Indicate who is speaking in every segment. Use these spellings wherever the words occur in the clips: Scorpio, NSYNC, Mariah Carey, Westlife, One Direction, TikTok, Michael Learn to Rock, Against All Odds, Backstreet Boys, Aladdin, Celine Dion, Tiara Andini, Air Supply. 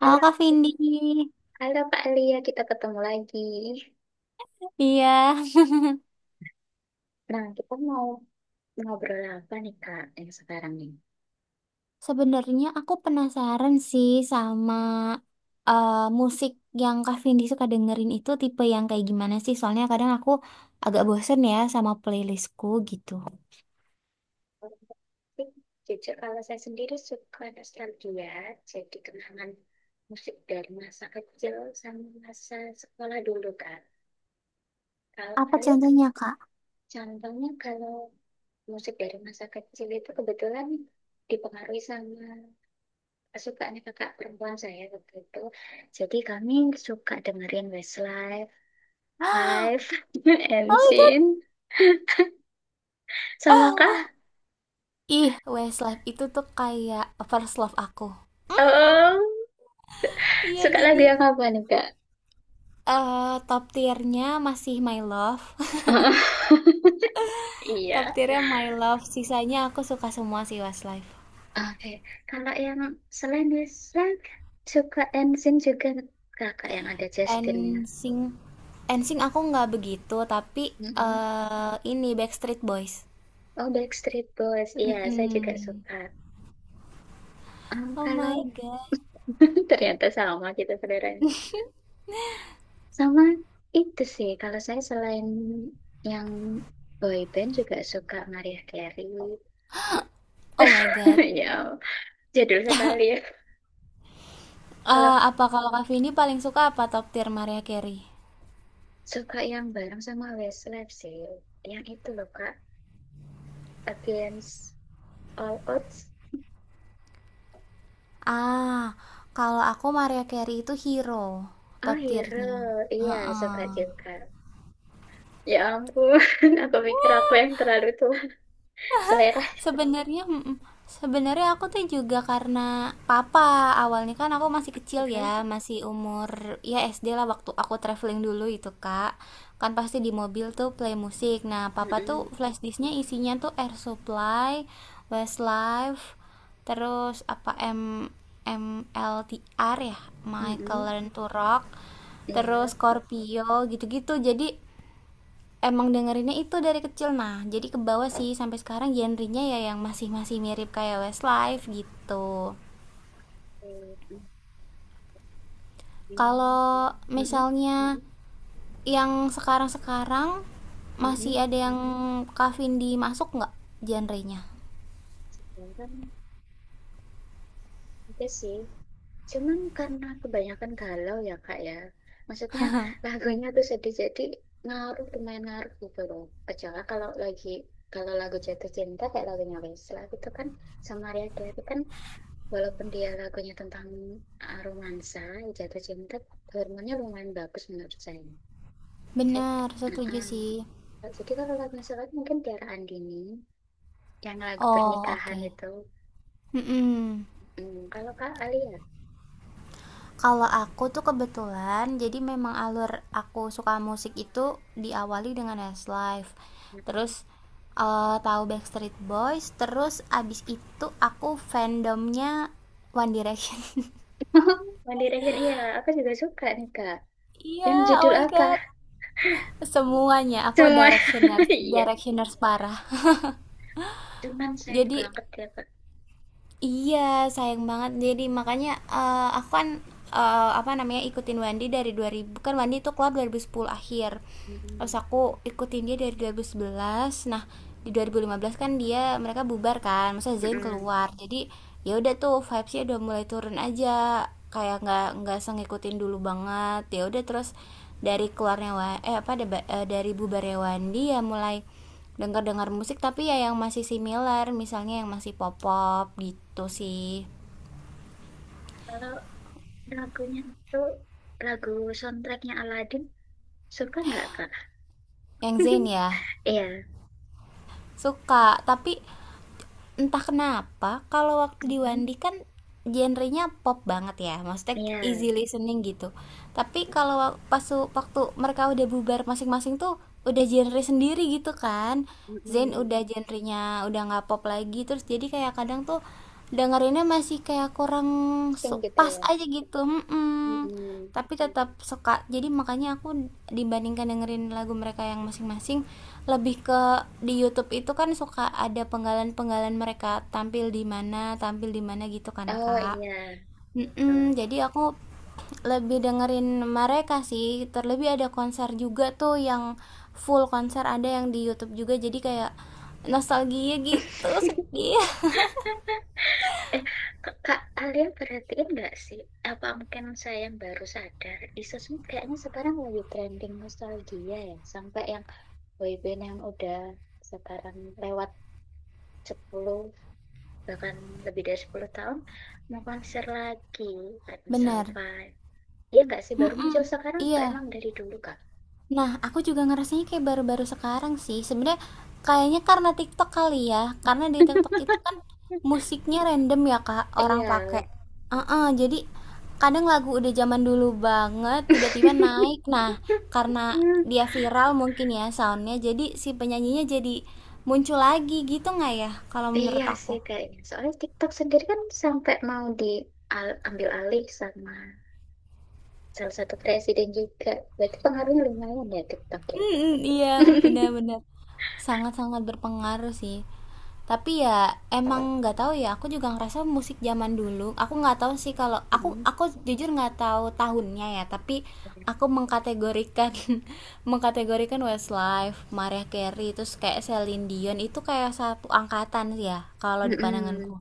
Speaker 1: Halo
Speaker 2: Halo,
Speaker 1: Kak Vindi.
Speaker 2: halo Kak Lia, kita ketemu lagi.
Speaker 1: Iya.
Speaker 2: Nah, kita mau ngobrol apa nih Kak yang sekarang nih?
Speaker 1: Sebenarnya aku penasaran sih sama musik yang Kak Vindi suka dengerin itu tipe yang kayak gimana sih? Soalnya kadang aku agak bosen ya sama playlistku gitu.
Speaker 2: Kalau musik, jujur kalau saya sendiri suka nostalgia, jadi kenangan musik dari masa kecil sama masa sekolah dulu Kak. Kalau Kak
Speaker 1: Apa
Speaker 2: Lia,
Speaker 1: contohnya, Kak?
Speaker 2: contohnya kalau musik dari masa kecil itu kebetulan dipengaruhi sama kesukaannya kakak perempuan saya waktu itu. Jadi kami suka dengerin Westlife, Live and
Speaker 1: Oh my God.
Speaker 2: sin, Sama kah?
Speaker 1: Ih, Westlife itu tuh kayak first love aku.
Speaker 2: Em,
Speaker 1: Iya,
Speaker 2: suka lagu
Speaker 1: jadi
Speaker 2: yang apa nih, Kak?
Speaker 1: top tiernya masih My Love. Top
Speaker 2: Iya.
Speaker 1: tiernya My Love. Sisanya aku suka semua sih Westlife.
Speaker 2: Oke. Kalau yang selain Zack, suka Ensin juga kakak yang ada
Speaker 1: And
Speaker 2: Justinnya.
Speaker 1: sing NSYNC aku nggak begitu, tapi
Speaker 2: Mm-mm.
Speaker 1: ini Backstreet Boys.
Speaker 2: Oh, Backstreet Boys. Iya, saya juga
Speaker 1: Mm-mm.
Speaker 2: suka. Em,
Speaker 1: Oh my
Speaker 2: kalau
Speaker 1: god.
Speaker 2: ternyata sama kita saudaranya. Sama itu sih. Kalau saya selain yang boyband juga suka Mariah Carey.
Speaker 1: Oh my god.
Speaker 2: Ya. Jadul sekali ya.
Speaker 1: Eh,
Speaker 2: Kalau
Speaker 1: apa kalau Kak Vindi paling suka apa top tier Maria Carey?
Speaker 2: suka yang bareng sama Westlife sih. Yang itu loh Kak. Against All Odds.
Speaker 1: Ah, kalau aku Maria Carey itu hero
Speaker 2: Oh
Speaker 1: top tiernya.
Speaker 2: Hero. Iya suka
Speaker 1: Heeh.
Speaker 2: juga. Ya ampun. Aku pikir aku yang terlalu tua. Selera.
Speaker 1: Sebenarnya sebenarnya aku tuh juga karena papa, awalnya kan aku masih kecil
Speaker 2: Oke.
Speaker 1: ya, masih umur ya SD lah waktu aku traveling dulu itu kak, kan pasti di mobil tuh play musik. Nah papa tuh
Speaker 2: Mm-mm.
Speaker 1: flash disknya isinya tuh Air Supply, Westlife, terus apa, M M L T R ya, Michael
Speaker 2: Mm-mm.
Speaker 1: Learn to Rock,
Speaker 2: Iya.
Speaker 1: terus Scorpio gitu-gitu. Jadi emang dengerinnya itu dari kecil. Nah jadi ke bawah sih sampai sekarang genrenya ya yang masih masih mirip kayak Westlife gitu.
Speaker 2: Mm-mm.
Speaker 1: Kalau
Speaker 2: Mm-mm.
Speaker 1: misalnya yang sekarang sekarang
Speaker 2: Mm-mm.
Speaker 1: masih ada yang Kavin dimasuk nggak genrenya.
Speaker 2: Ya kan? Itu sih. Cuman karena kebanyakan galau ya kak ya. Maksudnya lagunya tuh sedih jadi ngaruh lumayan ngaruh gitu loh. Kecuali kalau lagu jatuh cinta kayak lagunya Wesla gitu kan sama Maria Carey kan walaupun dia lagunya tentang romansa jatuh cinta hormonnya lumayan bagus menurut saya. Jadi,
Speaker 1: Benar setuju
Speaker 2: uh-uh.
Speaker 1: sih.
Speaker 2: Jadi kalau lagu Wesla kan mungkin Tiara Andini yang lagu
Speaker 1: Oh oke,
Speaker 2: pernikahan
Speaker 1: okay.
Speaker 2: itu.
Speaker 1: Mm-mm.
Speaker 2: Hmm, kalau Kak Ali ya.
Speaker 1: Kalau aku tuh kebetulan, jadi memang alur aku suka musik itu diawali dengan Westlife. Terus tahu Backstreet Boys, terus abis itu aku fandomnya One Direction.
Speaker 2: One Direction iya aku juga suka nih Kak.
Speaker 1: Iya,
Speaker 2: Yang
Speaker 1: yeah, oh
Speaker 2: judul
Speaker 1: my
Speaker 2: apa?
Speaker 1: god. Semuanya aku
Speaker 2: Semua.
Speaker 1: directioners,
Speaker 2: Iya.
Speaker 1: directioners parah.
Speaker 2: Cuman sayang
Speaker 1: Jadi
Speaker 2: banget ya, Kak.
Speaker 1: iya, sayang banget. Jadi makanya aku kan apa namanya ikutin Wandi dari dua ribu, kan Wandi itu keluar 2010 akhir. Terus
Speaker 2: Mm-mm.
Speaker 1: aku ikutin dia dari dua ribu sebelas. Nah, di 2015 kan dia mereka bubar kan, masa Zain
Speaker 2: Mm-mm.
Speaker 1: keluar. Jadi ya udah tuh vibesnya udah mulai turun aja. Kayak nggak se ngikutin dulu banget. Ya udah terus dari keluarnya dari bubarnya Wandi ya mulai dengar-dengar musik, tapi ya yang masih similar, misalnya yang masih pop-pop gitu sih.
Speaker 2: Kalau lagunya itu lagu soundtracknya Aladdin, suka nggak, Kak?
Speaker 1: Yang Zen ya,
Speaker 2: Iya.
Speaker 1: suka tapi entah kenapa kalau waktu di
Speaker 2: Mm-mm.
Speaker 1: Wandi kan genrenya pop banget ya, maksudnya
Speaker 2: Iya.
Speaker 1: easy listening gitu, tapi kalau pas waktu mereka udah bubar masing-masing tuh udah genre sendiri gitu kan. Zen
Speaker 2: Mm-mm.
Speaker 1: udah genrenya udah nggak pop lagi, terus jadi kayak kadang tuh dengerinnya masih kayak kurang
Speaker 2: Sing gitu
Speaker 1: pas
Speaker 2: ya.
Speaker 1: aja gitu. Mm-mm.
Speaker 2: Mm-mm.
Speaker 1: Tapi tetap suka, jadi makanya aku dibandingkan dengerin lagu mereka yang masing-masing, lebih ke di YouTube itu kan suka ada penggalan-penggalan mereka tampil di mana gitu kan
Speaker 2: Oh
Speaker 1: kak.
Speaker 2: iya. Tuh.
Speaker 1: Mm-mm, jadi aku lebih dengerin mereka sih, terlebih ada konser juga tuh yang full konser ada yang di YouTube juga, jadi kayak nostalgia gitu sedih.
Speaker 2: Eh, Kak, Kak Alia perhatiin nggak sih? Apa mungkin saya yang baru sadar? Isus ini kayaknya sekarang lagi trending nostalgia ya. Sampai yang boyband yang udah sekarang lewat 10 bahkan lebih dari 10 tahun, mau konser lagi. Kayak misal
Speaker 1: Benar.
Speaker 2: Five. Iya nggak sih? Baru
Speaker 1: Mm-mm.
Speaker 2: muncul sekarang atau
Speaker 1: Iya.
Speaker 2: emang dari dulu, Kak?
Speaker 1: Nah, aku juga ngerasanya kayak baru-baru sekarang sih. Sebenarnya kayaknya karena TikTok kali ya. Karena di TikTok itu kan musiknya random ya, Kak, orang
Speaker 2: Iya.
Speaker 1: pakai. Heeh, jadi kadang lagu udah zaman dulu banget tiba-tiba naik. Nah, karena dia viral mungkin ya soundnya, jadi si penyanyinya jadi muncul lagi gitu nggak ya kalau
Speaker 2: Iya
Speaker 1: menurut
Speaker 2: sih
Speaker 1: aku.
Speaker 2: kayaknya. Soalnya TikTok sendiri kan sampai mau diambil alih sama salah satu presiden juga. Berarti pengaruhnya lumayan ya TikTok ya.
Speaker 1: Mhm, iya, benar-benar sangat-sangat berpengaruh sih. Tapi ya emang nggak tahu ya. Aku juga ngerasa musik zaman dulu. Aku nggak tahu sih, kalau aku
Speaker 2: Mm-mm.
Speaker 1: aku jujur nggak tahu tahunnya ya. Tapi aku mengkategorikan mengkategorikan Westlife, Mariah Carey, terus kayak Celine Dion itu kayak satu angkatan sih ya. Kalau di
Speaker 2: Mm-mm,
Speaker 1: pandanganku.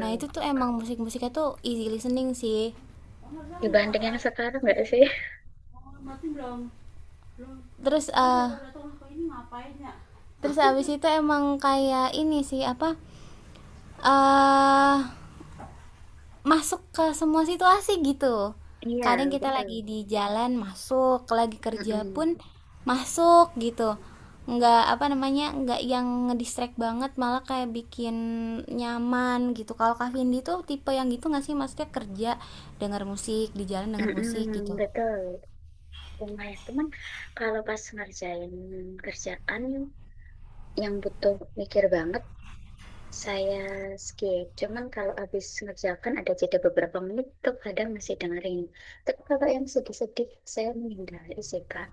Speaker 1: Nah itu tuh emang musik-musiknya tuh easy listening sih.
Speaker 2: Dibanding yang sekarang nggak sih?
Speaker 1: Terus eh terus abis itu emang kayak ini sih, apa, eh masuk ke semua situasi gitu. Kadang
Speaker 2: Iya,
Speaker 1: kita lagi
Speaker 2: betul.
Speaker 1: di jalan masuk, lagi kerja
Speaker 2: Mm-mm.
Speaker 1: pun masuk gitu, nggak apa namanya, nggak yang ngedistract banget, malah kayak bikin nyaman gitu. Kalau Kak Vindi tuh tipe yang gitu nggak sih, maksudnya kerja denger musik, di jalan denger musik gitu.
Speaker 2: Mm-mm, betul. Lumayan. Cuman kalau pas ngerjain kerjaan yang butuh mikir banget, saya skip, cuman kalau habis mengerjakan ada jeda beberapa menit tuh kadang masih dengerin. Tapi kalau yang sedih-sedih saya menghindari sih Kak.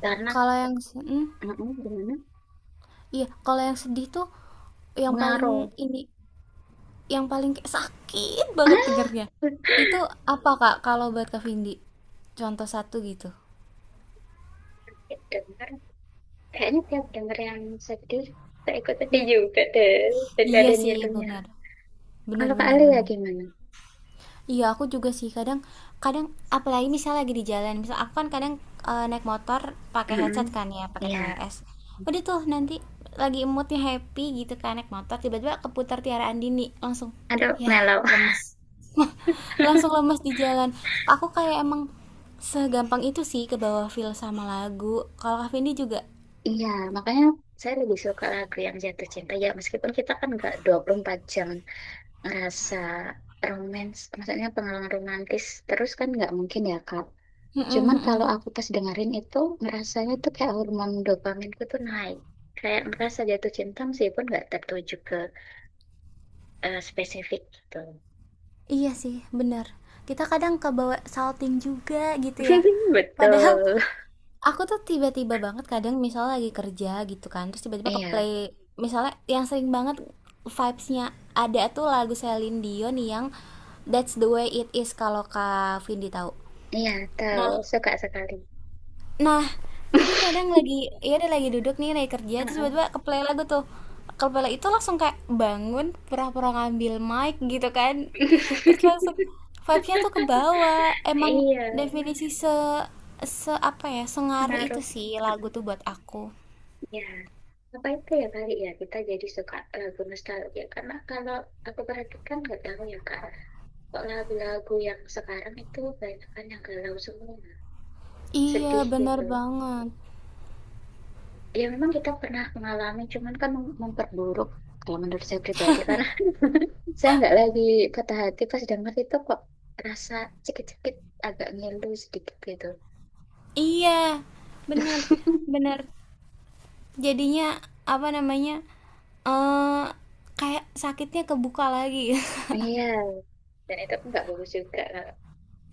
Speaker 2: Karena
Speaker 1: Kalau yang si, hmm?
Speaker 2: gimana?
Speaker 1: Iya, kalau yang sedih tuh yang paling
Speaker 2: Ngaruh.
Speaker 1: ini, yang paling kayak sakit banget dengernya. Itu apa Kak kalau buat Kak Vindi? Contoh satu gitu.
Speaker 2: Dengar, kayaknya tiap denger yang sedih, saya ikut sedih juga deh. Jadi
Speaker 1: Iya
Speaker 2: ada
Speaker 1: sih,
Speaker 2: nyilunya.
Speaker 1: benar. Benar,
Speaker 2: Kalau Kak
Speaker 1: benar,
Speaker 2: Ali ya
Speaker 1: benar.
Speaker 2: gimana?
Speaker 1: Iya, aku juga sih kadang kadang apalagi misal lagi di jalan, misal aku kan kadang naik motor pakai
Speaker 2: Mm-mm.
Speaker 1: headset kan ya, pakai
Speaker 2: Iya,
Speaker 1: TWS. Udah tuh nanti lagi moodnya happy gitu kan, naik motor tiba-tiba keputar Tiara Andini, langsung
Speaker 2: aduh
Speaker 1: ya
Speaker 2: mellow.
Speaker 1: lemes. Langsung lemes di jalan. Aku kayak emang segampang itu sih ke bawah feel sama lagu. Kalau Kak Vindi juga.
Speaker 2: Iya, makanya saya lebih suka lagu yang jatuh cinta ya meskipun kita kan nggak 24 jam rasa romance, maksudnya pengalaman romantis terus kan nggak mungkin ya Kak.
Speaker 1: Mm-mm,
Speaker 2: Cuman kalau
Speaker 1: mm-mm.
Speaker 2: aku pas dengerin itu ngerasanya tuh kayak hormon dopaminku tuh naik. Kayak ngerasa jatuh cinta meskipun nggak tertuju ke spesifik gitu.
Speaker 1: Iya sih, benar. Kita kadang kebawa salting juga gitu ya. Padahal
Speaker 2: Betul.
Speaker 1: aku tuh tiba-tiba banget kadang misalnya lagi kerja gitu kan, terus tiba-tiba ke
Speaker 2: Iya,
Speaker 1: play misalnya yang sering banget vibes-nya, ada tuh lagu Celine Dion yang That's the Way It Is, kalau Kak Vindi tahu.
Speaker 2: iya tahu
Speaker 1: Nah,
Speaker 2: suka sekali.
Speaker 1: nah, jadi kadang lagi ya, ada lagi duduk nih, lagi kerja, terus
Speaker 2: Heeh.
Speaker 1: tiba-tiba ke lagu tuh. Ke itu langsung kayak bangun, pura-pura ngambil mic gitu kan. Terus langsung vibe-nya tuh ke bawah. Emang
Speaker 2: Iya,
Speaker 1: definisi se se apa ya, sengaruh itu
Speaker 2: pengaruh.
Speaker 1: sih lagu tuh buat aku.
Speaker 2: Ya, apa itu ya kali ya kita jadi suka lagu nostalgia karena kalau aku perhatikan nggak tahu ya kak, kok lagu-lagu yang sekarang itu banyak kan yang galau semua,
Speaker 1: Iya,
Speaker 2: sedih
Speaker 1: bener
Speaker 2: gitu.
Speaker 1: banget.
Speaker 2: Ya memang kita pernah mengalami, cuman kan memperburuk kalau menurut saya pribadi karena saya nggak lagi patah hati pas denger itu kok rasa sakit-sakit agak ngilu sedikit gitu.
Speaker 1: Iya, bener, bener. Jadinya apa namanya? eh Kayak sakitnya kebuka lagi.
Speaker 2: Iya, dan itu nggak bagus juga kalau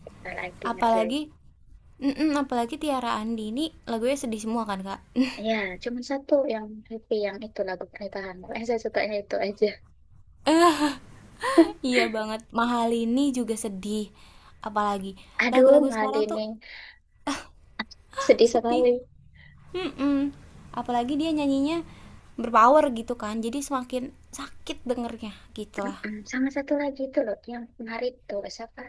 Speaker 2: kita lagi ngerjain.
Speaker 1: Apalagi mm-mm, apalagi Tiara Andi ini lagunya sedih semua kan kak.
Speaker 2: Ya, cuma satu yang happy yang itu lagu pernikahan. Saya sukanya itu aja.
Speaker 1: Iya banget, mahal ini juga sedih. Apalagi
Speaker 2: Aduh,
Speaker 1: lagu-lagu sekarang tuh
Speaker 2: Malini. Sedih
Speaker 1: sedih.
Speaker 2: sekali.
Speaker 1: Mm-mm. Apalagi dia nyanyinya berpower gitu kan, jadi semakin sakit dengernya gitulah.
Speaker 2: Mm-mm. Sama satu lagi itu loh, yang penari itu. Siapa?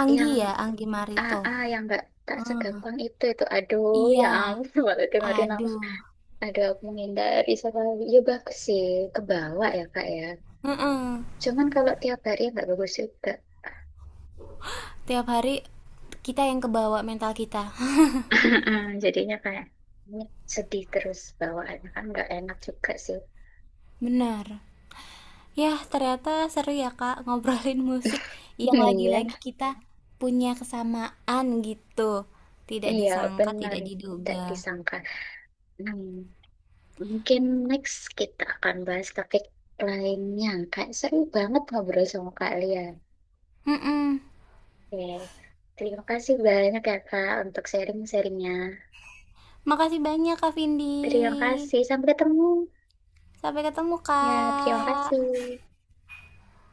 Speaker 1: Anggi
Speaker 2: Yang
Speaker 1: ya, Anggi Marito.
Speaker 2: AA, yang nggak tak
Speaker 1: Hmm,
Speaker 2: segampang itu. Itu, aduh, ya
Speaker 1: iya,
Speaker 2: ampun. Waktu dengerin aku.
Speaker 1: aduh.
Speaker 2: Aduh, aku menghindari sekali. Ya, bagus sih. Kebawa ya, Kak ya.
Speaker 1: Mm-mm.
Speaker 2: Cuman kalau tiap hari nggak bagus juga.
Speaker 1: Tiap hari kita yang kebawa, mental kita.
Speaker 2: Jadinya kayak sedih terus bawaannya kan nggak enak juga sih.
Speaker 1: Benar. Yah, ternyata seru ya Kak ngobrolin musik yang
Speaker 2: Iya.
Speaker 1: lagi-lagi kita punya kesamaan gitu. Tidak
Speaker 2: Iya,
Speaker 1: disangka,
Speaker 2: benar.
Speaker 1: tidak
Speaker 2: Tidak
Speaker 1: diduga.
Speaker 2: disangka. Hmm, mungkin next kita akan bahas topik lainnya. Kayak seru banget ngobrol sama Kak Lia.
Speaker 1: Mm-mm.
Speaker 2: Oke. Terima kasih banyak ya Kak untuk sharing-sharingnya.
Speaker 1: Makasih banyak Kak
Speaker 2: Terima
Speaker 1: Vindi.
Speaker 2: kasih. Sampai ketemu.
Speaker 1: Sampai ketemu
Speaker 2: Ya, terima
Speaker 1: Kak.
Speaker 2: kasih.